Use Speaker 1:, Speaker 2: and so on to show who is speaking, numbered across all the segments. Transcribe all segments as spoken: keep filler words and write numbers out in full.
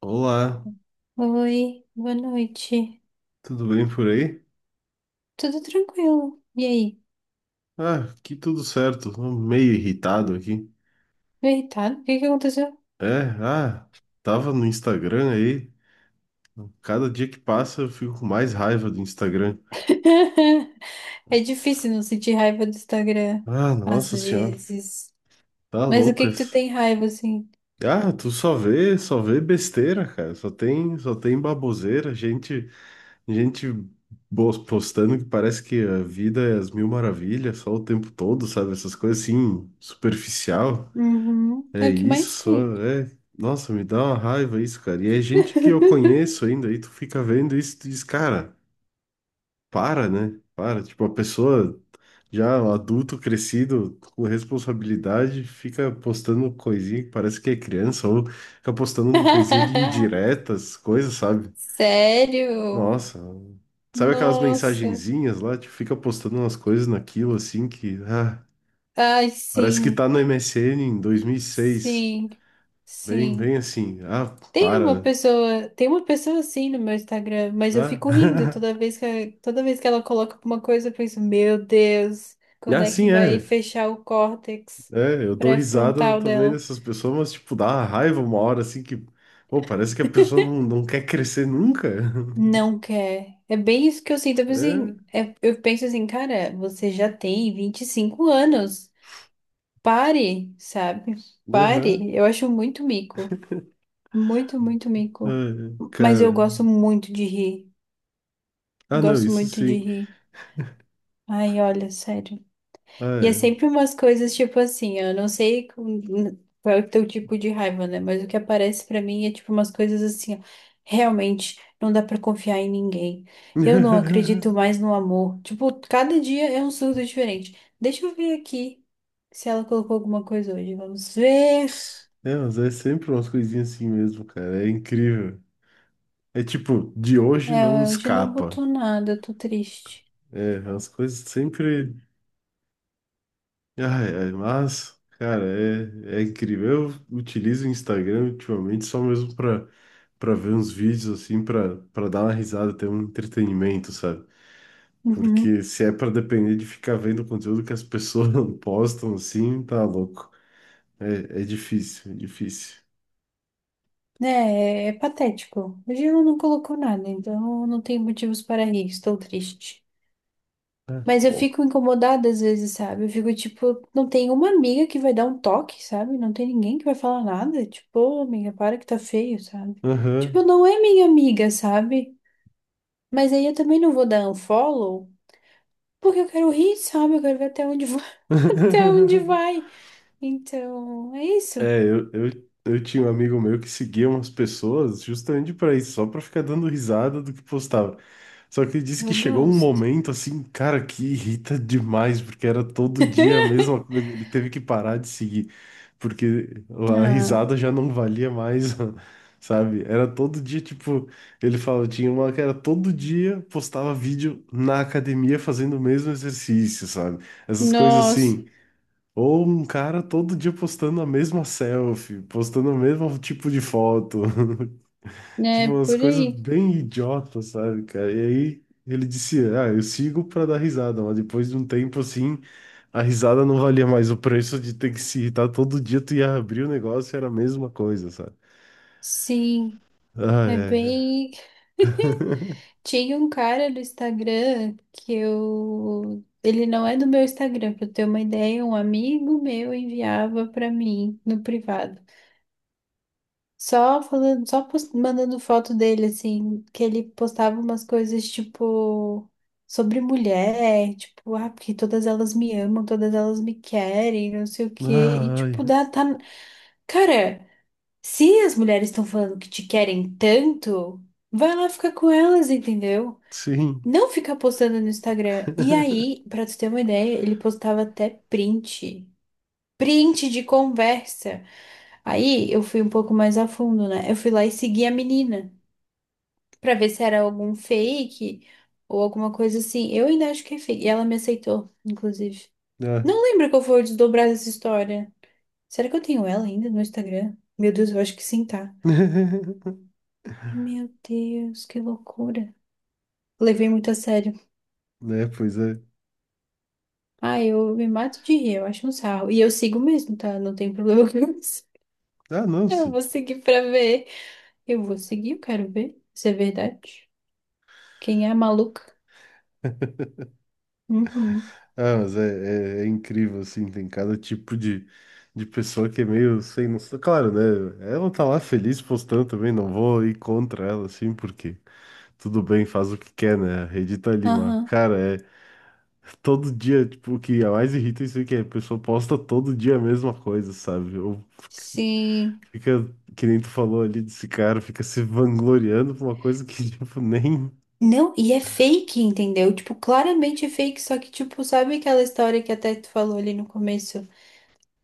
Speaker 1: Olá,
Speaker 2: Oi, boa noite.
Speaker 1: tudo bem por aí?
Speaker 2: Tudo tranquilo? E aí?
Speaker 1: Ah, aqui tudo certo, tô meio irritado aqui.
Speaker 2: Tô irritado? O que que aconteceu?
Speaker 1: É, ah, tava no Instagram aí, cada dia que passa eu fico com mais raiva do Instagram.
Speaker 2: É difícil não sentir raiva do Instagram,
Speaker 1: Ah,
Speaker 2: às
Speaker 1: nossa senhora,
Speaker 2: vezes.
Speaker 1: tá
Speaker 2: Mas o que que tu
Speaker 1: loucas.
Speaker 2: tem raiva, assim?
Speaker 1: Ah, tu só vê, só vê besteira, cara, só tem, só tem baboseira, gente, gente bo- postando que parece que a vida é as mil maravilhas só o tempo todo, sabe? Essas coisas assim, superficial.
Speaker 2: Uhum,
Speaker 1: É
Speaker 2: é o que
Speaker 1: isso,
Speaker 2: mais
Speaker 1: só,
Speaker 2: tem.
Speaker 1: é. Nossa, me dá uma raiva isso, cara. E é gente que eu conheço ainda, aí tu fica vendo isso e tu diz, cara, para, né? Para. Tipo, a pessoa já um adulto, crescido, com responsabilidade, fica postando coisinha que parece que é criança, ou fica postando uma coisinha de indiretas, coisas, sabe?
Speaker 2: Sério?
Speaker 1: Nossa. Sabe aquelas
Speaker 2: Nossa.
Speaker 1: mensagenzinhas lá? Tipo, fica postando umas coisas naquilo, assim, que... Ah,
Speaker 2: Ai,
Speaker 1: parece que
Speaker 2: sim,
Speaker 1: tá no M S N em dois mil e seis.
Speaker 2: sim,
Speaker 1: Bem,
Speaker 2: sim.
Speaker 1: bem assim. Ah,
Speaker 2: Tem uma
Speaker 1: para, né?
Speaker 2: pessoa, tem uma pessoa assim no meu Instagram, mas eu fico rindo
Speaker 1: Ah,
Speaker 2: toda vez que, toda vez que ela coloca alguma coisa, eu penso, meu Deus, quando
Speaker 1: ah,
Speaker 2: é que
Speaker 1: sim,
Speaker 2: vai
Speaker 1: é.
Speaker 2: fechar o córtex
Speaker 1: É, eu dou risada
Speaker 2: pré-frontal
Speaker 1: também
Speaker 2: dela?
Speaker 1: dessas pessoas, mas, tipo, dá uma raiva uma hora, assim, que... Pô, parece que a pessoa não, não quer crescer nunca.
Speaker 2: Não quer. É bem isso que eu sinto. Eu penso
Speaker 1: É,
Speaker 2: assim, é- eu penso assim, cara, você já tem vinte e cinco anos. Pare, sabe?
Speaker 1: aham.
Speaker 2: Pare. Eu acho muito mico. Muito, muito mico.
Speaker 1: Ai,
Speaker 2: Mas eu
Speaker 1: cara.
Speaker 2: gosto muito de rir.
Speaker 1: Ah, não,
Speaker 2: Gosto
Speaker 1: isso
Speaker 2: muito de
Speaker 1: sim.
Speaker 2: rir. Ai, olha, sério.
Speaker 1: Ah,
Speaker 2: E é
Speaker 1: é.
Speaker 2: sempre umas coisas tipo assim, eu não sei com- qual é o teu tipo de raiva, né? Mas o que aparece pra mim é tipo umas coisas assim, ó, realmente não dá pra confiar em ninguém. Eu não acredito mais no amor. Tipo, cada dia é um surdo diferente. Deixa eu ver aqui se ela colocou alguma coisa hoje. Vamos ver.
Speaker 1: É, mas é sempre umas coisinhas assim mesmo, cara. É incrível. É tipo, de hoje não
Speaker 2: É, hoje não
Speaker 1: escapa.
Speaker 2: botou nada, eu tô triste.
Speaker 1: É, as coisas sempre. Ai, ai, mas, cara, é, é incrível. Eu utilizo o Instagram ultimamente só mesmo pra, pra ver uns vídeos, assim, pra, pra dar uma risada, ter um entretenimento, sabe?
Speaker 2: Uhum.
Speaker 1: Porque se é pra depender de ficar vendo o conteúdo que as pessoas não postam, assim, tá louco. É, é difícil, é difícil.
Speaker 2: É, é patético. Hoje ela não colocou nada, então não tem motivos para rir, estou triste. Mas eu
Speaker 1: Ó.
Speaker 2: fico incomodada às vezes, sabe? Eu fico tipo, não tem uma amiga que vai dar um toque, sabe? Não tem ninguém que vai falar nada. Tipo, ô, amiga, para que tá feio, sabe? Tipo,
Speaker 1: Aham.
Speaker 2: não é minha amiga, sabe? Mas aí eu também não vou dar unfollow, porque eu quero rir, sabe? Eu quero ver até onde vai, até onde vai. Então, é isso.
Speaker 1: É, eu, eu, eu tinha um amigo meu que seguia umas pessoas justamente pra isso, só pra ficar dando risada do que postava. Só que ele disse que
Speaker 2: Eu
Speaker 1: chegou um
Speaker 2: gosto.
Speaker 1: momento assim, cara, que irrita demais, porque era todo dia a mesma coisa. Ele teve que parar de seguir, porque a
Speaker 2: Ah,
Speaker 1: risada já não valia mais, sabe? Era todo dia, tipo, ele falou, tinha uma que era todo dia postava vídeo na academia fazendo o mesmo exercício, sabe? Essas coisas
Speaker 2: nossa,
Speaker 1: assim. Ou um cara todo dia postando a mesma selfie, postando o mesmo tipo de foto. Tipo,
Speaker 2: né?
Speaker 1: umas
Speaker 2: Por
Speaker 1: coisas
Speaker 2: aí.
Speaker 1: bem idiotas, sabe, cara? E aí ele disse, ah, eu sigo pra dar risada, mas depois de um tempo assim, a risada não valia mais o preço de ter que se irritar todo dia, tu ia abrir o negócio e era a mesma coisa, sabe?
Speaker 2: Sim,
Speaker 1: Ai,
Speaker 2: é
Speaker 1: ai,
Speaker 2: bem.
Speaker 1: ai.
Speaker 2: Tinha um cara do Instagram que eu. Ele não é do meu Instagram, pra eu ter uma ideia, um amigo meu enviava pra mim no privado. Só falando, só post- mandando foto dele, assim, que ele postava umas coisas tipo sobre mulher, tipo, ah, porque todas elas me amam, todas elas me querem, não sei o quê. E
Speaker 1: Ai,
Speaker 2: tipo, dá, tá. Cara, se as mulheres estão falando que te querem tanto, vai lá ficar com elas, entendeu?
Speaker 1: sim.
Speaker 2: Não ficar postando no Instagram. E aí, pra tu ter uma ideia, ele postava até print. Print de conversa. Aí eu fui um pouco mais a fundo, né? Eu fui lá e segui a menina pra ver se era algum fake ou alguma coisa assim. Eu ainda acho que é fake. E ela me aceitou, inclusive.
Speaker 1: Ah.
Speaker 2: Não lembro qual foi o desdobrar dessa história. Será que eu tenho ela ainda no Instagram? Meu Deus, eu acho que sim, tá. Ai, meu Deus, que loucura. Levei muito a sério.
Speaker 1: Né, pois é.
Speaker 2: Ah, eu me mato de rir, eu acho um sarro. E eu sigo mesmo, tá? Não tem problema com isso.
Speaker 1: Ah, não,
Speaker 2: Eu
Speaker 1: se-
Speaker 2: vou seguir pra ver. Eu vou seguir, eu quero ver. Isso é verdade. Quem é a maluca? Uhum.
Speaker 1: Ah, mas é, é- é incrível, assim, tem cada tipo de, de pessoa que é meio sem noção. Claro, né? Ela tá lá feliz postando também, não vou ir contra ela, assim, porque tudo bem, faz o que quer, né? A rede tá ali, mas,
Speaker 2: Aham.
Speaker 1: cara, é todo dia, tipo, o que a mais irrita é isso aí, que a pessoa posta todo dia a mesma coisa, sabe? Ou
Speaker 2: Sim.
Speaker 1: fica, que nem tu falou ali desse cara, fica se vangloriando por uma coisa que, tipo, nem.
Speaker 2: Não, e é fake, entendeu? Tipo, claramente é fake, só que, tipo, sabe aquela história que até tu falou ali no começo?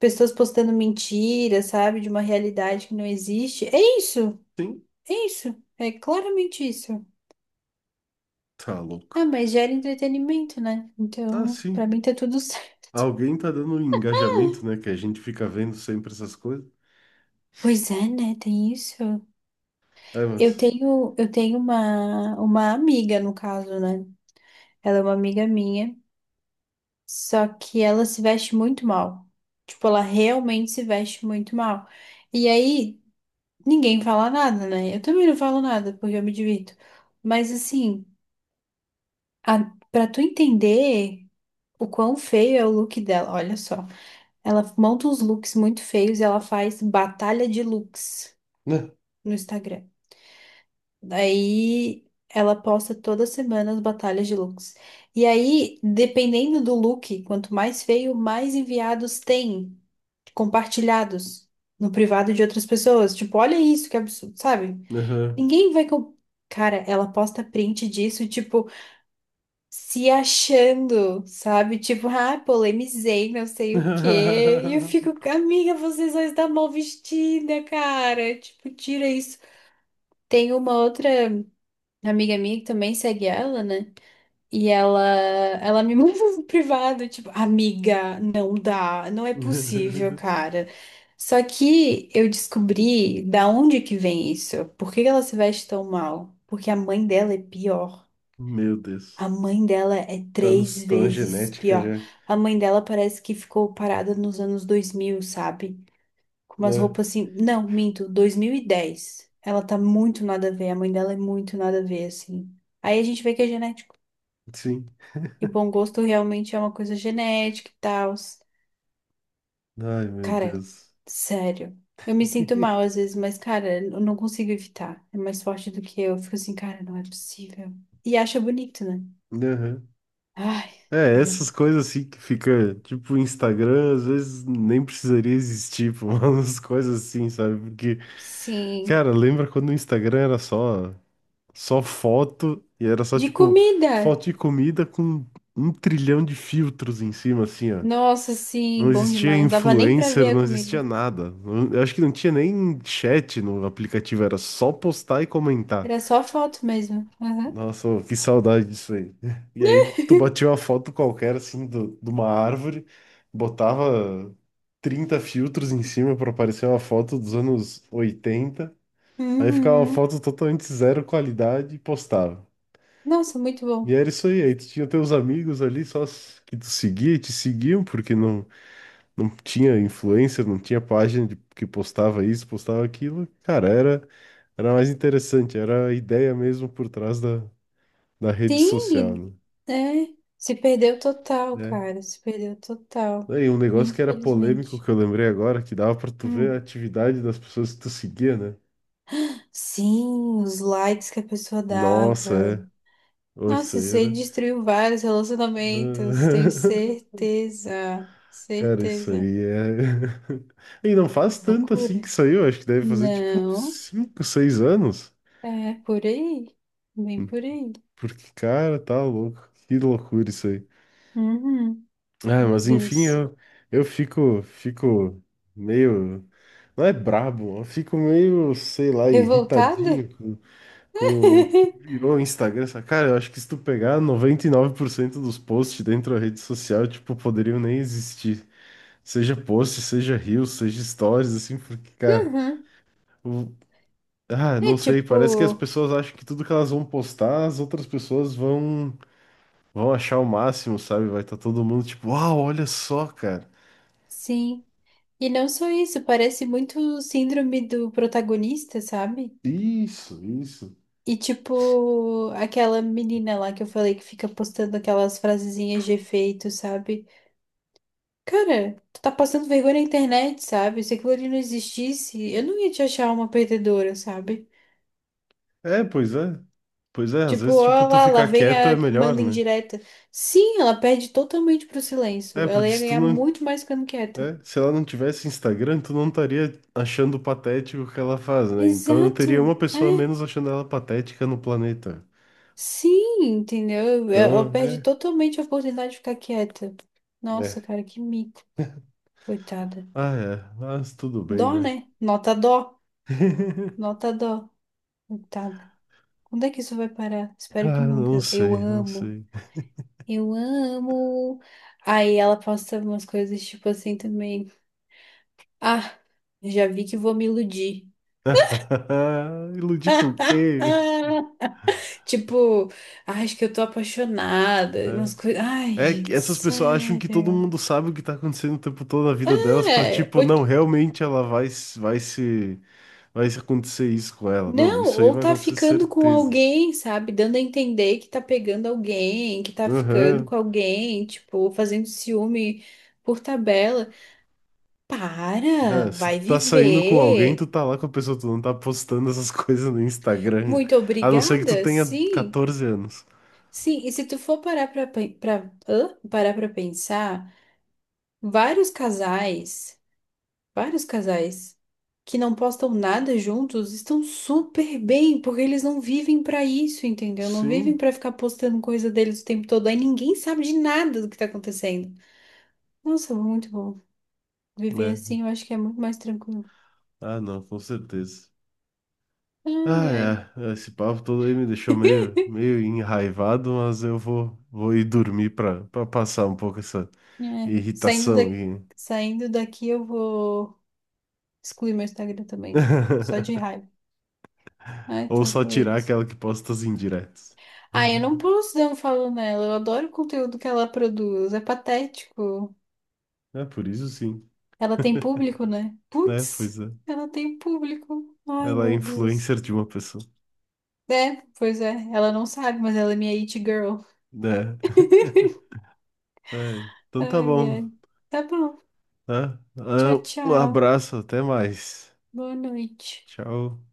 Speaker 2: Pessoas postando mentira, sabe? De uma realidade que não existe. É isso!
Speaker 1: Sim,
Speaker 2: É isso! É claramente isso.
Speaker 1: tá louco.
Speaker 2: Ah, mas gera entretenimento, né?
Speaker 1: Ah,
Speaker 2: Então, pra
Speaker 1: sim.
Speaker 2: mim tá tudo certo.
Speaker 1: Alguém tá dando um engajamento, né? Que a gente fica vendo sempre essas coisas.
Speaker 2: Pois é, né? Tem isso.
Speaker 1: É,
Speaker 2: Eu
Speaker 1: mas.
Speaker 2: tenho, eu tenho uma, uma amiga, no caso, né? Ela é uma amiga minha, só que ela se veste muito mal. Tipo, ela realmente se veste muito mal. E aí, ninguém fala nada, né? Eu também não falo nada, porque eu me divirto. Mas assim, a, pra tu entender o quão feio é o look dela, olha só. Ela monta uns looks muito feios e ela faz batalha de looks
Speaker 1: Né?
Speaker 2: no Instagram. Aí ela posta toda semana as batalhas de looks. E aí, dependendo do look, quanto mais feio, mais enviados tem compartilhados no privado de outras pessoas. Tipo, olha isso, que absurdo, sabe?
Speaker 1: Aham.
Speaker 2: Ninguém vai com. Cara, ela posta print disso, tipo, se achando, sabe? Tipo, ah, polemizei, não sei o quê. E eu fico, amiga, vocês só estão mal vestida, cara. Tipo, tira isso. Tem uma outra amiga minha que também segue ela, né? E ela, ela me mandou no privado, tipo, amiga, não dá, não é possível, cara. Só que eu descobri da onde que vem isso. Por que que ela se veste tão mal? Porque a mãe dela é pior.
Speaker 1: Meu Deus.
Speaker 2: A mãe dela é
Speaker 1: Tá,
Speaker 2: três
Speaker 1: nos, tá na
Speaker 2: vezes
Speaker 1: genética
Speaker 2: pior.
Speaker 1: já.
Speaker 2: A mãe dela parece que ficou parada nos anos dois mil, sabe? Com umas
Speaker 1: Né?
Speaker 2: roupas assim. Não, minto, dois mil e dez. Ela tá muito nada a ver, a mãe dela é muito nada a ver, assim. Aí a gente vê que é genético.
Speaker 1: Sim.
Speaker 2: E bom gosto realmente é uma coisa genética e tal.
Speaker 1: Ai, meu
Speaker 2: Cara,
Speaker 1: Deus.
Speaker 2: sério. Eu me sinto mal às vezes, mas, cara, eu não consigo evitar. É mais forte do que eu. Eu fico assim, cara, não é possível. E acha bonito, né?
Speaker 1: Aham.
Speaker 2: Ai,
Speaker 1: É,
Speaker 2: meu
Speaker 1: essas
Speaker 2: Deus.
Speaker 1: coisas assim que fica, tipo, o Instagram, às vezes nem precisaria existir, pô, umas coisas assim, sabe? Porque,
Speaker 2: Sim.
Speaker 1: cara, lembra quando o Instagram era só. Só foto, e era, só
Speaker 2: De
Speaker 1: tipo
Speaker 2: comida!
Speaker 1: foto de comida com um trilhão de filtros em cima, assim, ó.
Speaker 2: Nossa, sim,
Speaker 1: Não
Speaker 2: bom
Speaker 1: existia
Speaker 2: demais. Não dava nem pra ver
Speaker 1: influencer,
Speaker 2: a
Speaker 1: não existia
Speaker 2: comida.
Speaker 1: nada. Não- Eu acho que não tinha nem chat no aplicativo, era só postar e comentar.
Speaker 2: Era só foto mesmo. Aham.
Speaker 1: Nossa, ô, que saudade disso aí. E aí tu batia uma foto qualquer, assim, do, de uma árvore, botava trinta filtros em cima pra aparecer uma foto dos anos oitenta, aí ficava uma
Speaker 2: Uhum.
Speaker 1: foto totalmente zero qualidade e postava.
Speaker 2: Nossa, muito
Speaker 1: E
Speaker 2: bom.
Speaker 1: era isso aí, aí tu tinha teus amigos ali só s- que tu seguia e te seguiam, porque não, não tinha influencer, não tinha página de- que postava isso, postava aquilo. Cara, era, era mais interessante, era a ideia mesmo por trás da, da rede social,
Speaker 2: Sim,
Speaker 1: né?
Speaker 2: é. Se perdeu total,
Speaker 1: Né?
Speaker 2: cara. Se perdeu total.
Speaker 1: Aí um negócio que era polêmico
Speaker 2: Infelizmente.
Speaker 1: que eu lembrei agora, que dava pra tu ver a
Speaker 2: Hum.
Speaker 1: atividade das pessoas que tu seguia, né?
Speaker 2: Sim, os likes que a pessoa dava.
Speaker 1: Nossa, é. Ô, isso
Speaker 2: Nossa,
Speaker 1: aí
Speaker 2: isso aí
Speaker 1: era.
Speaker 2: destruiu vários relacionamentos. Tenho certeza.
Speaker 1: Cara, isso
Speaker 2: Certeza.
Speaker 1: aí é. E não faz tanto assim
Speaker 2: Loucura.
Speaker 1: que saiu, acho que deve fazer tipo uns
Speaker 2: Não.
Speaker 1: cinco, seis anos.
Speaker 2: É por aí. Bem por aí.
Speaker 1: Porque, cara, tá louco. Que loucura isso aí.
Speaker 2: Uhum.
Speaker 1: Ah,
Speaker 2: Meu
Speaker 1: mas enfim,
Speaker 2: Deus.
Speaker 1: eu, eu fico, fico meio. Não é brabo, eu fico meio, sei lá,
Speaker 2: Revoltada?
Speaker 1: irritadinho com, com o que virou o Instagram. Sabe? Cara, eu acho que se tu pegar noventa e nove por cento dos posts dentro da rede social, tipo, poderiam nem existir. Seja post, seja reels, seja stories, assim, porque, cara.
Speaker 2: Uhum.
Speaker 1: o, Ah,
Speaker 2: É
Speaker 1: não sei, parece que as
Speaker 2: tipo,
Speaker 1: pessoas acham que tudo que elas vão postar, as outras pessoas vão vão achar o máximo, sabe? Vai estar todo mundo tipo, uau, olha só, cara.
Speaker 2: sim. E não só isso, parece muito síndrome do protagonista, sabe?
Speaker 1: Isso, isso.
Speaker 2: E tipo, aquela menina lá que eu falei que fica postando aquelas frasezinhas de efeito, sabe? Cara, tu tá passando vergonha na internet, sabe? Se aquilo ali não existisse, eu não ia te achar uma perdedora, sabe?
Speaker 1: É, pois é. Pois é, às
Speaker 2: Tipo,
Speaker 1: vezes tipo
Speaker 2: ó
Speaker 1: tu
Speaker 2: lá, lá
Speaker 1: ficar
Speaker 2: vem
Speaker 1: quieto é
Speaker 2: a que
Speaker 1: melhor,
Speaker 2: manda
Speaker 1: né?
Speaker 2: indireta. Sim, ela perde totalmente pro
Speaker 1: É,
Speaker 2: silêncio. Ela
Speaker 1: porque
Speaker 2: ia
Speaker 1: se tu
Speaker 2: ganhar
Speaker 1: não,
Speaker 2: muito mais ficando quieta.
Speaker 1: é, se ela não tivesse Instagram, tu não estaria achando patético o que ela faz, né? Então eu teria uma
Speaker 2: Exato.
Speaker 1: pessoa a
Speaker 2: É
Speaker 1: menos achando ela patética no planeta.
Speaker 2: Sim, entendeu? Eu, eu eu
Speaker 1: Então,
Speaker 2: perdi
Speaker 1: é,
Speaker 2: totalmente a oportunidade de ficar quieta. Nossa,
Speaker 1: é.
Speaker 2: cara, que mico, coitada.
Speaker 1: Ah, é, mas tudo bem,
Speaker 2: Dó,
Speaker 1: né?
Speaker 2: né? Nota dó, nota dó, coitada. Quando é que isso vai parar? Espero que
Speaker 1: Ah, não
Speaker 2: nunca. Eu
Speaker 1: sei, não
Speaker 2: amo,
Speaker 1: sei.
Speaker 2: eu amo. Aí ela posta umas coisas tipo assim também. Ah, já vi que vou me iludir.
Speaker 1: Iludir com o quê?
Speaker 2: Ah, tipo, "Ah, acho que eu tô apaixonada.
Speaker 1: É.
Speaker 2: Umas coisas. Ai,
Speaker 1: É que
Speaker 2: gente,
Speaker 1: essas pessoas acham que todo
Speaker 2: sério.
Speaker 1: mundo sabe o que tá acontecendo o tempo todo na vida delas pra
Speaker 2: É,
Speaker 1: tipo, não, realmente ela vai, se- vai se vai se acontecer isso com ela. Não,
Speaker 2: Não,
Speaker 1: isso aí
Speaker 2: ou
Speaker 1: vai
Speaker 2: tá
Speaker 1: acontecer
Speaker 2: ficando com
Speaker 1: certeza.
Speaker 2: alguém, sabe? Dando a entender que tá pegando alguém, que tá ficando
Speaker 1: Aham.
Speaker 2: com alguém, tipo, fazendo ciúme por tabela. Para,
Speaker 1: É, se
Speaker 2: vai
Speaker 1: tu tá saindo com alguém, tu
Speaker 2: viver.
Speaker 1: tá lá com a pessoa, tu não tá postando essas coisas no Instagram.
Speaker 2: Muito
Speaker 1: A não ser que tu
Speaker 2: obrigada,
Speaker 1: tenha
Speaker 2: sim.
Speaker 1: quatorze anos.
Speaker 2: Sim, e se tu for parar pra, pen- pra, hã? Parar pra pensar, vários casais. Vários casais que não postam nada juntos estão super bem, porque eles não vivem pra isso, entendeu? Não vivem
Speaker 1: Sim,
Speaker 2: pra ficar postando coisa deles o tempo todo. Aí ninguém sabe de nada do que tá acontecendo. Nossa, muito bom. Viver
Speaker 1: né?
Speaker 2: assim eu acho que é muito mais tranquilo.
Speaker 1: Ah, não, com certeza.
Speaker 2: Ai, ai.
Speaker 1: Ah, é. Esse papo todo aí me deixou meio, meio enraivado, mas eu vou, vou ir dormir pra, pra passar um pouco essa
Speaker 2: É. Saindo da...
Speaker 1: irritação e...
Speaker 2: Saindo daqui eu vou excluir meu Instagram também. Só de raiva. Ai,
Speaker 1: Ou
Speaker 2: tá
Speaker 1: só tirar
Speaker 2: doido.
Speaker 1: aquela que posta as indiretas.
Speaker 2: Ah, eu não posso dar um follow nela. Eu adoro o conteúdo que ela produz. É patético.
Speaker 1: É, por isso sim,
Speaker 2: Ela tem público, né?
Speaker 1: né?
Speaker 2: Putz,
Speaker 1: Pois é.
Speaker 2: ela tem público. Ai,
Speaker 1: Ela é
Speaker 2: meu Deus.
Speaker 1: influencer de uma pessoa,
Speaker 2: É, pois é. Ela não sabe, mas ela é minha it girl.
Speaker 1: né? É. Então tá
Speaker 2: Ai,
Speaker 1: bom,
Speaker 2: ai. Tá bom.
Speaker 1: tá?
Speaker 2: Tchau,
Speaker 1: Ah, um
Speaker 2: tchau.
Speaker 1: abraço, até mais.
Speaker 2: Boa noite.
Speaker 1: Tchau.